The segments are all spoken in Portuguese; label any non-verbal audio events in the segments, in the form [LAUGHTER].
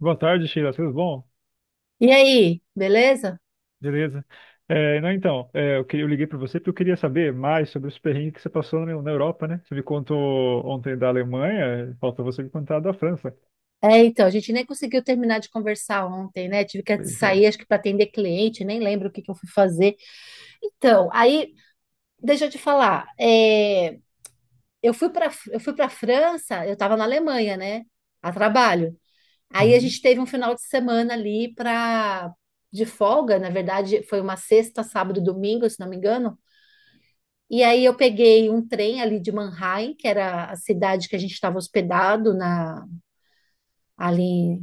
Boa tarde, Sheila. Tudo bom? E aí, beleza? Beleza. É, não, então, é, eu, queria- eu liguei para você porque eu queria saber mais sobre os perrengues que você passou na Europa, né? Você me contou ontem da Alemanha, falta você me contar da França. Então, a gente nem conseguiu terminar de conversar ontem, né? Tive que Pois é. sair, acho que para atender cliente, nem lembro o que que eu fui fazer. Então, aí, deixa eu te falar, eu fui para França, eu estava na Alemanha, né? A trabalho. Aí a Uhum. gente teve um final de semana ali para de folga, na verdade, foi uma sexta, sábado, domingo, se não me engano. E aí eu peguei um trem ali de Mannheim, que era a cidade que a gente estava hospedado na ali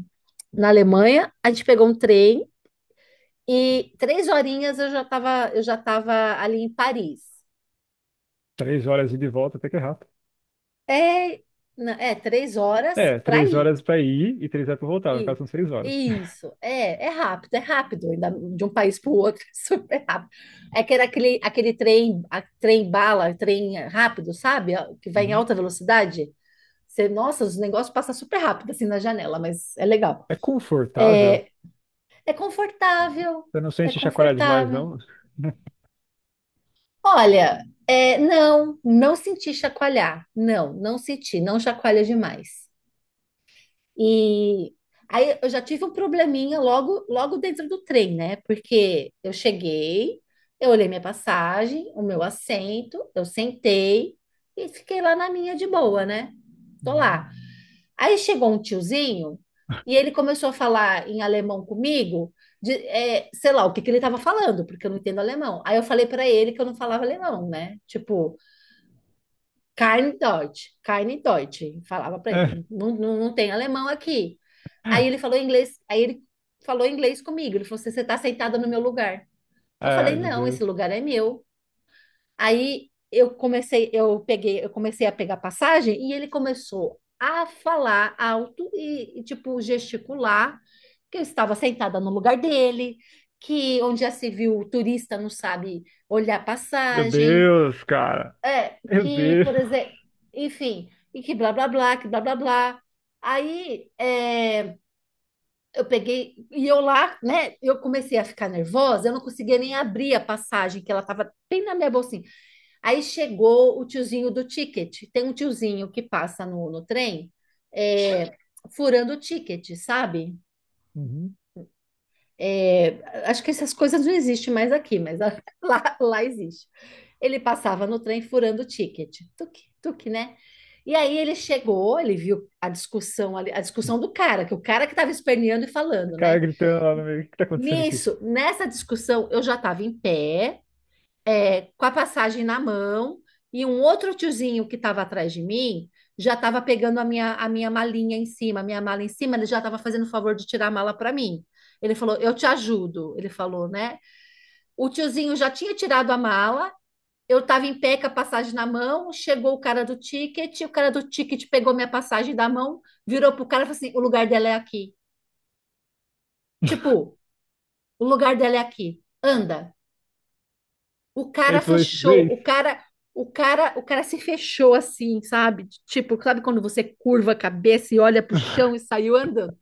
na Alemanha, a gente pegou um trem e 3 horinhas eu já estava ali em Paris. Três horas ida e volta, até que é rápido. É, é 3 horas É, para três ir. horas para ir e três horas para voltar. No E- caso, são seis horas. Isso, é rápido, ainda de um país para o outro, [LAUGHS] é super rápido. É que era aquele trem, trem bala, trem rápido, sabe? Que vai em Uhum. alta velocidade. Você, nossa, os negócios passam super rápido assim na janela, mas é legal. É confortável? É, É confortável, Você não é sente chacoalhar demais, confortável. não? [LAUGHS] Olha, não, não senti chacoalhar. Não, não senti, não chacoalha demais. E aí eu já tive um probleminha logo, logo dentro do trem, né? Porque eu cheguei, eu olhei minha passagem, o meu assento, eu sentei e fiquei lá na minha de boa, né? Tô lá. Uhum. Aí chegou um tiozinho e ele começou a falar em alemão comigo, sei lá o que que ele estava falando, porque eu não entendo alemão. Aí eu falei para ele que eu não falava alemão, né? Tipo. Keine Deutsch, keine Deutsch. Falava para ele, É. não, não, não tem alemão aqui. Aí ele falou inglês comigo. Ele falou assim, você está sentada no meu lugar. Eu Ai, falei, meu não, esse Deus. lugar é meu. Aí eu comecei a pegar passagem e ele começou a falar alto e, tipo gesticular que eu estava sentada no lugar dele, que onde já se viu o turista não sabe olhar Meu passagem, Deus, cara. Meu que, Deus. por exemplo, enfim, e que blá blá blá, que blá blá blá. Aí eu peguei e eu lá, né? Eu comecei a ficar nervosa, eu não conseguia nem abrir a passagem, que ela tava bem na minha bolsinha. Aí chegou o tiozinho do ticket. Tem um tiozinho que passa no trem, é, furando o ticket, sabe? Uhum. É, Acho que essas coisas não existem mais aqui, mas [LAUGHS] lá, lá existe. Ele passava no trem furando o ticket. Tuque, tuque, né? E aí ele chegou, ele viu a discussão ali, a discussão do cara, que o cara que estava esperneando e O falando, cara né? gritando lá no meio, o que que tá acontecendo aqui? Nisso, nessa discussão, eu já estava em pé, com a passagem na mão, e um outro tiozinho que estava atrás de mim já estava pegando a minha malinha em cima, a minha mala em cima, ele já estava fazendo o favor de tirar a mala para mim. Ele falou, eu te ajudo, ele falou, né? O tiozinho já tinha tirado a mala, eu estava em pé com a passagem na mão, chegou o cara do ticket, o cara do ticket pegou minha passagem da mão, virou pro cara e falou assim, o lugar dela é aqui. Tipo, o lugar dela é aqui, anda. O Ele cara falou isso, fechou, o Blaze, cara, o cara, o cara se fechou assim, sabe? Tipo, sabe quando você curva a cabeça e olha pro chão e saiu andando?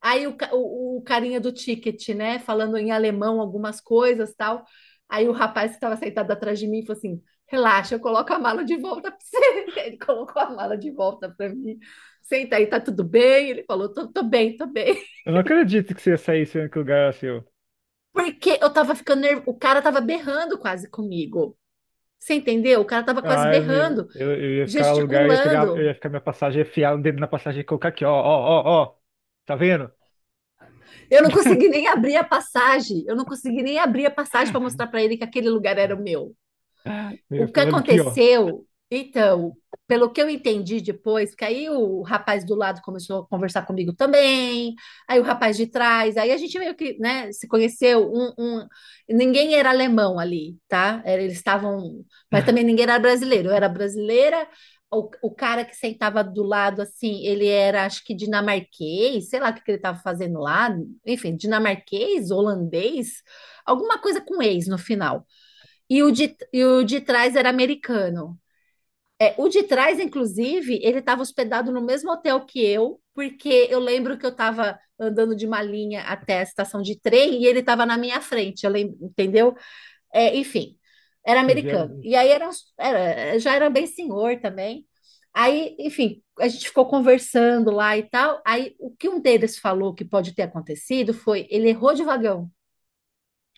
Aí o carinha do ticket, né, falando em alemão algumas coisas, tal. Aí o rapaz que estava sentado atrás de mim falou assim: "Relaxa, eu coloco a mala de volta para você". [LAUGHS] Ele colocou a mala de volta para mim. Senta aí, tá tudo bem? Ele falou: "Tô bem, tô bem". eu não acredito que você ia sair sendo que o lugar era seu. [LAUGHS] Porque eu tava ficando nervoso, o cara tava berrando quase comigo. Você entendeu? O cara tava quase Ah, eu, não ia- berrando. eu ia ficar no lugar, eu ia pegar, eu Gesticulando. ia ficar minha passagem, ia enfiar o dedo na passagem e colocar aqui, ó, ó, ó, ó. Tá vendo? Eu não consegui [LAUGHS] nem abrir a passagem. Eu não consegui nem abrir a passagem para mostrar para ele que aquele lugar era o meu. Eu O que falando aqui, ó. aconteceu, então, pelo que eu entendi depois, que aí o rapaz do lado começou a conversar comigo também, aí o rapaz de trás, aí a gente meio que, né, se conheceu, ninguém era alemão ali, tá? Eles estavam, mas também ninguém era brasileiro, eu era brasileira, o cara que sentava do lado, assim, ele era, acho que dinamarquês, sei lá o que que ele estava fazendo lá, enfim, dinamarquês, holandês, alguma coisa com ex no final. E o de trás era americano. O de trás, inclusive, ele estava hospedado no mesmo hotel que eu, porque eu lembro que eu estava andando de Malinha até a estação de trem e ele estava na minha frente, eu lembro, entendeu? Enfim, era Vocês vieram americano. junto. E aí já era bem senhor também. Aí, enfim, a gente ficou conversando lá e tal. Aí o que um deles falou que pode ter acontecido foi ele errou de vagão,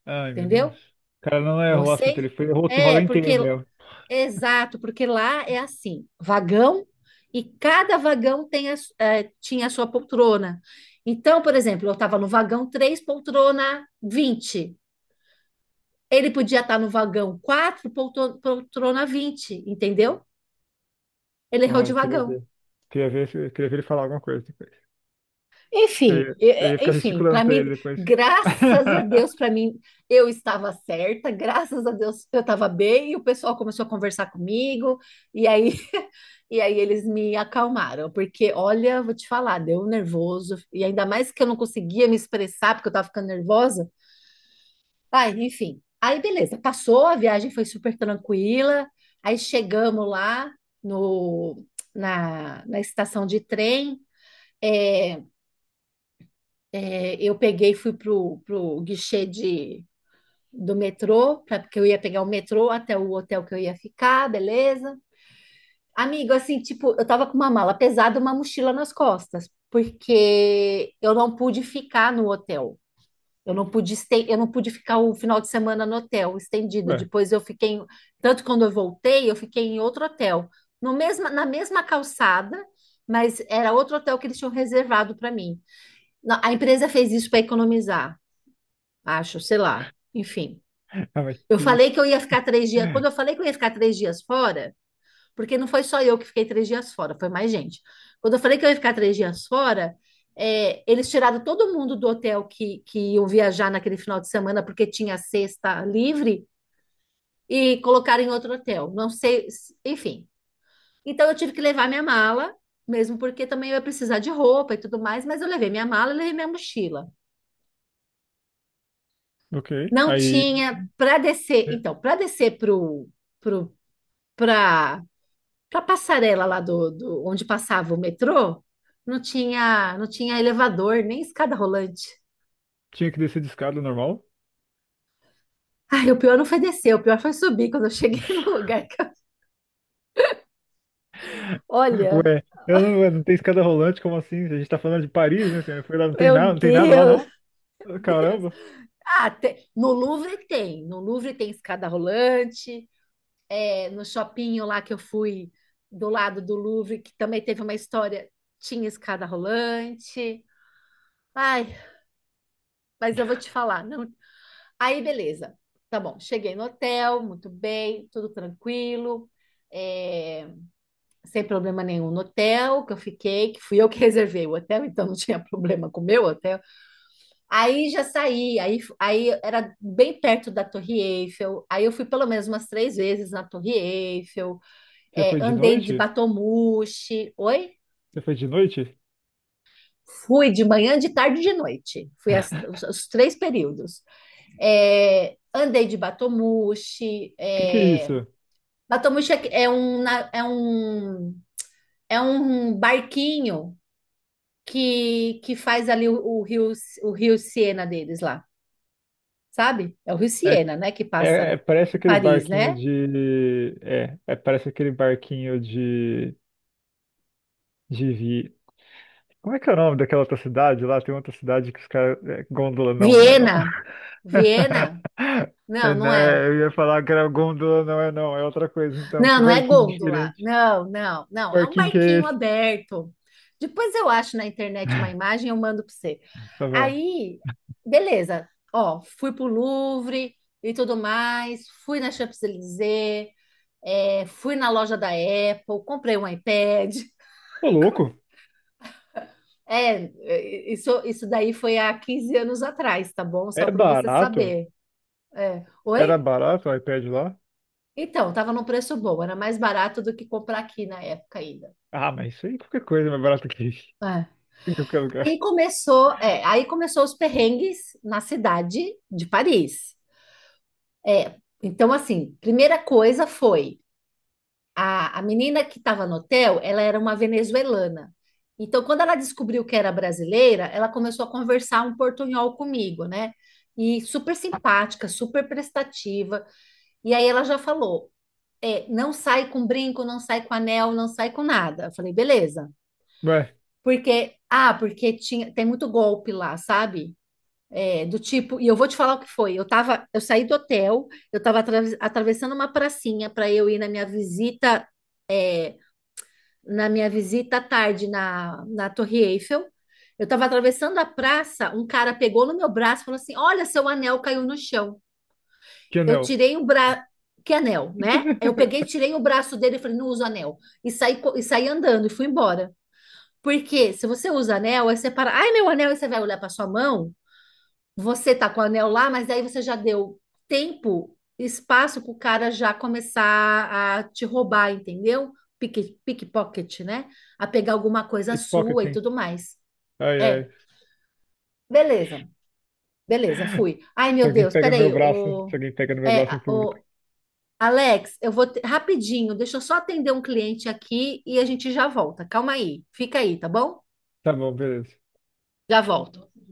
Ai, meu Deus. entendeu? O cara não errou a senta, Vocês. ele foi, errou o É, valor porque inteiro mesmo. Exato, porque lá é assim, vagão e cada vagão tem a su- eh, tinha a sua poltrona. Então, por exemplo, eu estava no vagão 3, poltrona 20. Ele podia estar no vagão 4, poltrona 20. Entendeu? Ele errou de Ai, queria vagão. ver. Queria ver ele falar alguma coisa depois. Eu Enfim, ia, eu ia ficar enfim, gesticulando para pra ele mim, depois. graças a Deus, para [LAUGHS] mim, eu estava certa, graças a Deus, eu estava bem, e o pessoal começou a conversar comigo, e aí, [LAUGHS] e aí eles me acalmaram, porque, olha, vou te falar, deu um nervoso, e ainda mais que eu não conseguia me expressar, porque eu estava ficando nervosa. Ai, enfim, aí beleza, passou, a viagem foi super tranquila, aí chegamos lá no, na, na estação de trem, é, eu peguei e fui pro guichê do metrô, porque eu ia pegar o metrô até o hotel que eu ia ficar, beleza? Amigo, assim, tipo, eu tava com uma mala pesada, uma mochila nas costas, porque eu não pude ficar no hotel. Eu não pude ficar o final de semana no hotel, estendido. Ué, Depois eu fiquei, em- tanto quando eu voltei, eu fiquei em outro hotel, no mesma, na mesma calçada, mas era outro hotel que eles tinham reservado para mim. A empresa fez isso para economizar acho, sei lá. Enfim. ah, mas Eu que falei isso? que eu ia ficar 3 dias. Quando eu falei que eu ia ficar 3 dias fora, porque não foi só eu que fiquei 3 dias fora, foi mais gente. Quando eu falei que eu ia ficar três dias fora, eles tiraram todo mundo do hotel que iam viajar naquele final de semana, porque tinha sexta livre, e colocaram em outro hotel. Não sei, enfim. Então eu tive que levar minha mala, mesmo porque também eu ia precisar de roupa e tudo mais, mas eu levei minha mala e levei minha mochila. Ok. Não Aí tinha para descer. é, Então, para descer para para para passarela lá do onde passava o metrô, não tinha elevador nem escada rolante. Tinha que descer de escada normal. Ai, o pior não foi descer, o pior foi subir quando eu cheguei [LAUGHS] no lugar. Olha, Ué, eu não, não tem escada rolante, como assim? A gente tá falando de Paris, né? Você foi lá, não tem meu nada, não tem nada lá, Deus, não? [LAUGHS] Deus. Caramba. Ah, no Louvre tem, no Louvre tem escada rolante. No shopping lá que eu fui do lado do Louvre, que também teve uma história, tinha escada rolante. Ai, mas eu vou te falar, não. Aí, beleza. Tá bom, cheguei no hotel, muito bem, tudo tranquilo, é, sem problema nenhum no hotel que eu fiquei, que fui eu que [LAUGHS] reservei o hotel, então não tinha problema com o meu hotel. Aí já saí, aí era bem perto da Torre Eiffel, aí eu fui pelo menos umas três vezes na Torre Eiffel, Você foi de andei de noite? Batomushi, oi? Você foi de noite? Fui de manhã, de tarde e de noite. Fui as- [LAUGHS] os, os três períodos. Andei de Batomushi, que é isso? Batomuxi é um barquinho que faz ali o rio Siena deles lá, sabe? É o rio É, Siena, né? Que é- passa é- parece em aquele Paris, barquinho né? de. É, é, parece aquele barquinho de. De, vi- Como é que é o nome daquela outra cidade lá? Tem outra cidade que os caras. É, Gôndola não, não é não. Viena, Viena. [LAUGHS] É, Não, não é. né? Eu ia falar que era Gôndola, não é não. É outra coisa então. Que Não, não é barquinho gôndola. diferente. Não, não, não. Que É um Barquinho que é barquinho esse? aberto. Depois eu acho na internet uma [LAUGHS] imagem e eu mando para você. Tá bom. Aí, beleza. Ó, fui pro Louvre e tudo mais. Fui na Champs-Élysées. Fui na loja da Apple. Comprei um iPad. [LAUGHS] Ô, louco. É, isso daí foi há 15 anos atrás, tá bom? Só É para você barato? saber. É. Era Oi? barato o iPad lá? Então, tava num preço bom. Era mais barato do que comprar aqui na época ainda. Ah, mas isso aí qualquer coisa é mais barato que isso. [LAUGHS] Em qualquer lugar. Aí começou os perrengues na cidade de Paris. É, então, assim, primeira coisa foi a menina que estava no hotel, ela era uma venezuelana. Então, quando ela descobriu que era brasileira, ela começou a conversar um portunhol comigo, né? E super simpática, super prestativa. E aí ela já falou: não sai com brinco, não sai com anel, não sai com nada. Eu falei, beleza. Ué, Porque tinha, tem muito golpe lá, sabe? Do tipo, e eu vou te falar o que foi. Eu saí do hotel, eu estava atravessando uma pracinha para eu ir na minha visita à tarde na Torre Eiffel. Eu estava atravessando a praça, um cara pegou no meu braço e falou assim: "Olha, seu anel caiu no chão". que Eu anel. tirei o braço, que anel, né? Eu peguei, [LAUGHS] tirei o braço dele e falei: "Não uso anel". E saí andando e fui embora. Porque se você usa anel, aí você para, ai, meu anel, e você vai olhar para sua mão, você tá com o anel lá, mas aí você já deu tempo, espaço para o cara já começar a te roubar, entendeu? Pickpocket, né? A pegar alguma coisa sua e Pickpocketing. tudo mais. Ai, ai. É, Beleza, beleza, fui. Ai, Se meu alguém Deus, pega no meu peraí, braço, se alguém pega no meu braço em público. o Alex, eu vou rapidinho, deixa eu só atender um cliente aqui e a gente já volta. Calma aí, fica aí, tá bom? Tá bom, beleza. Já volto.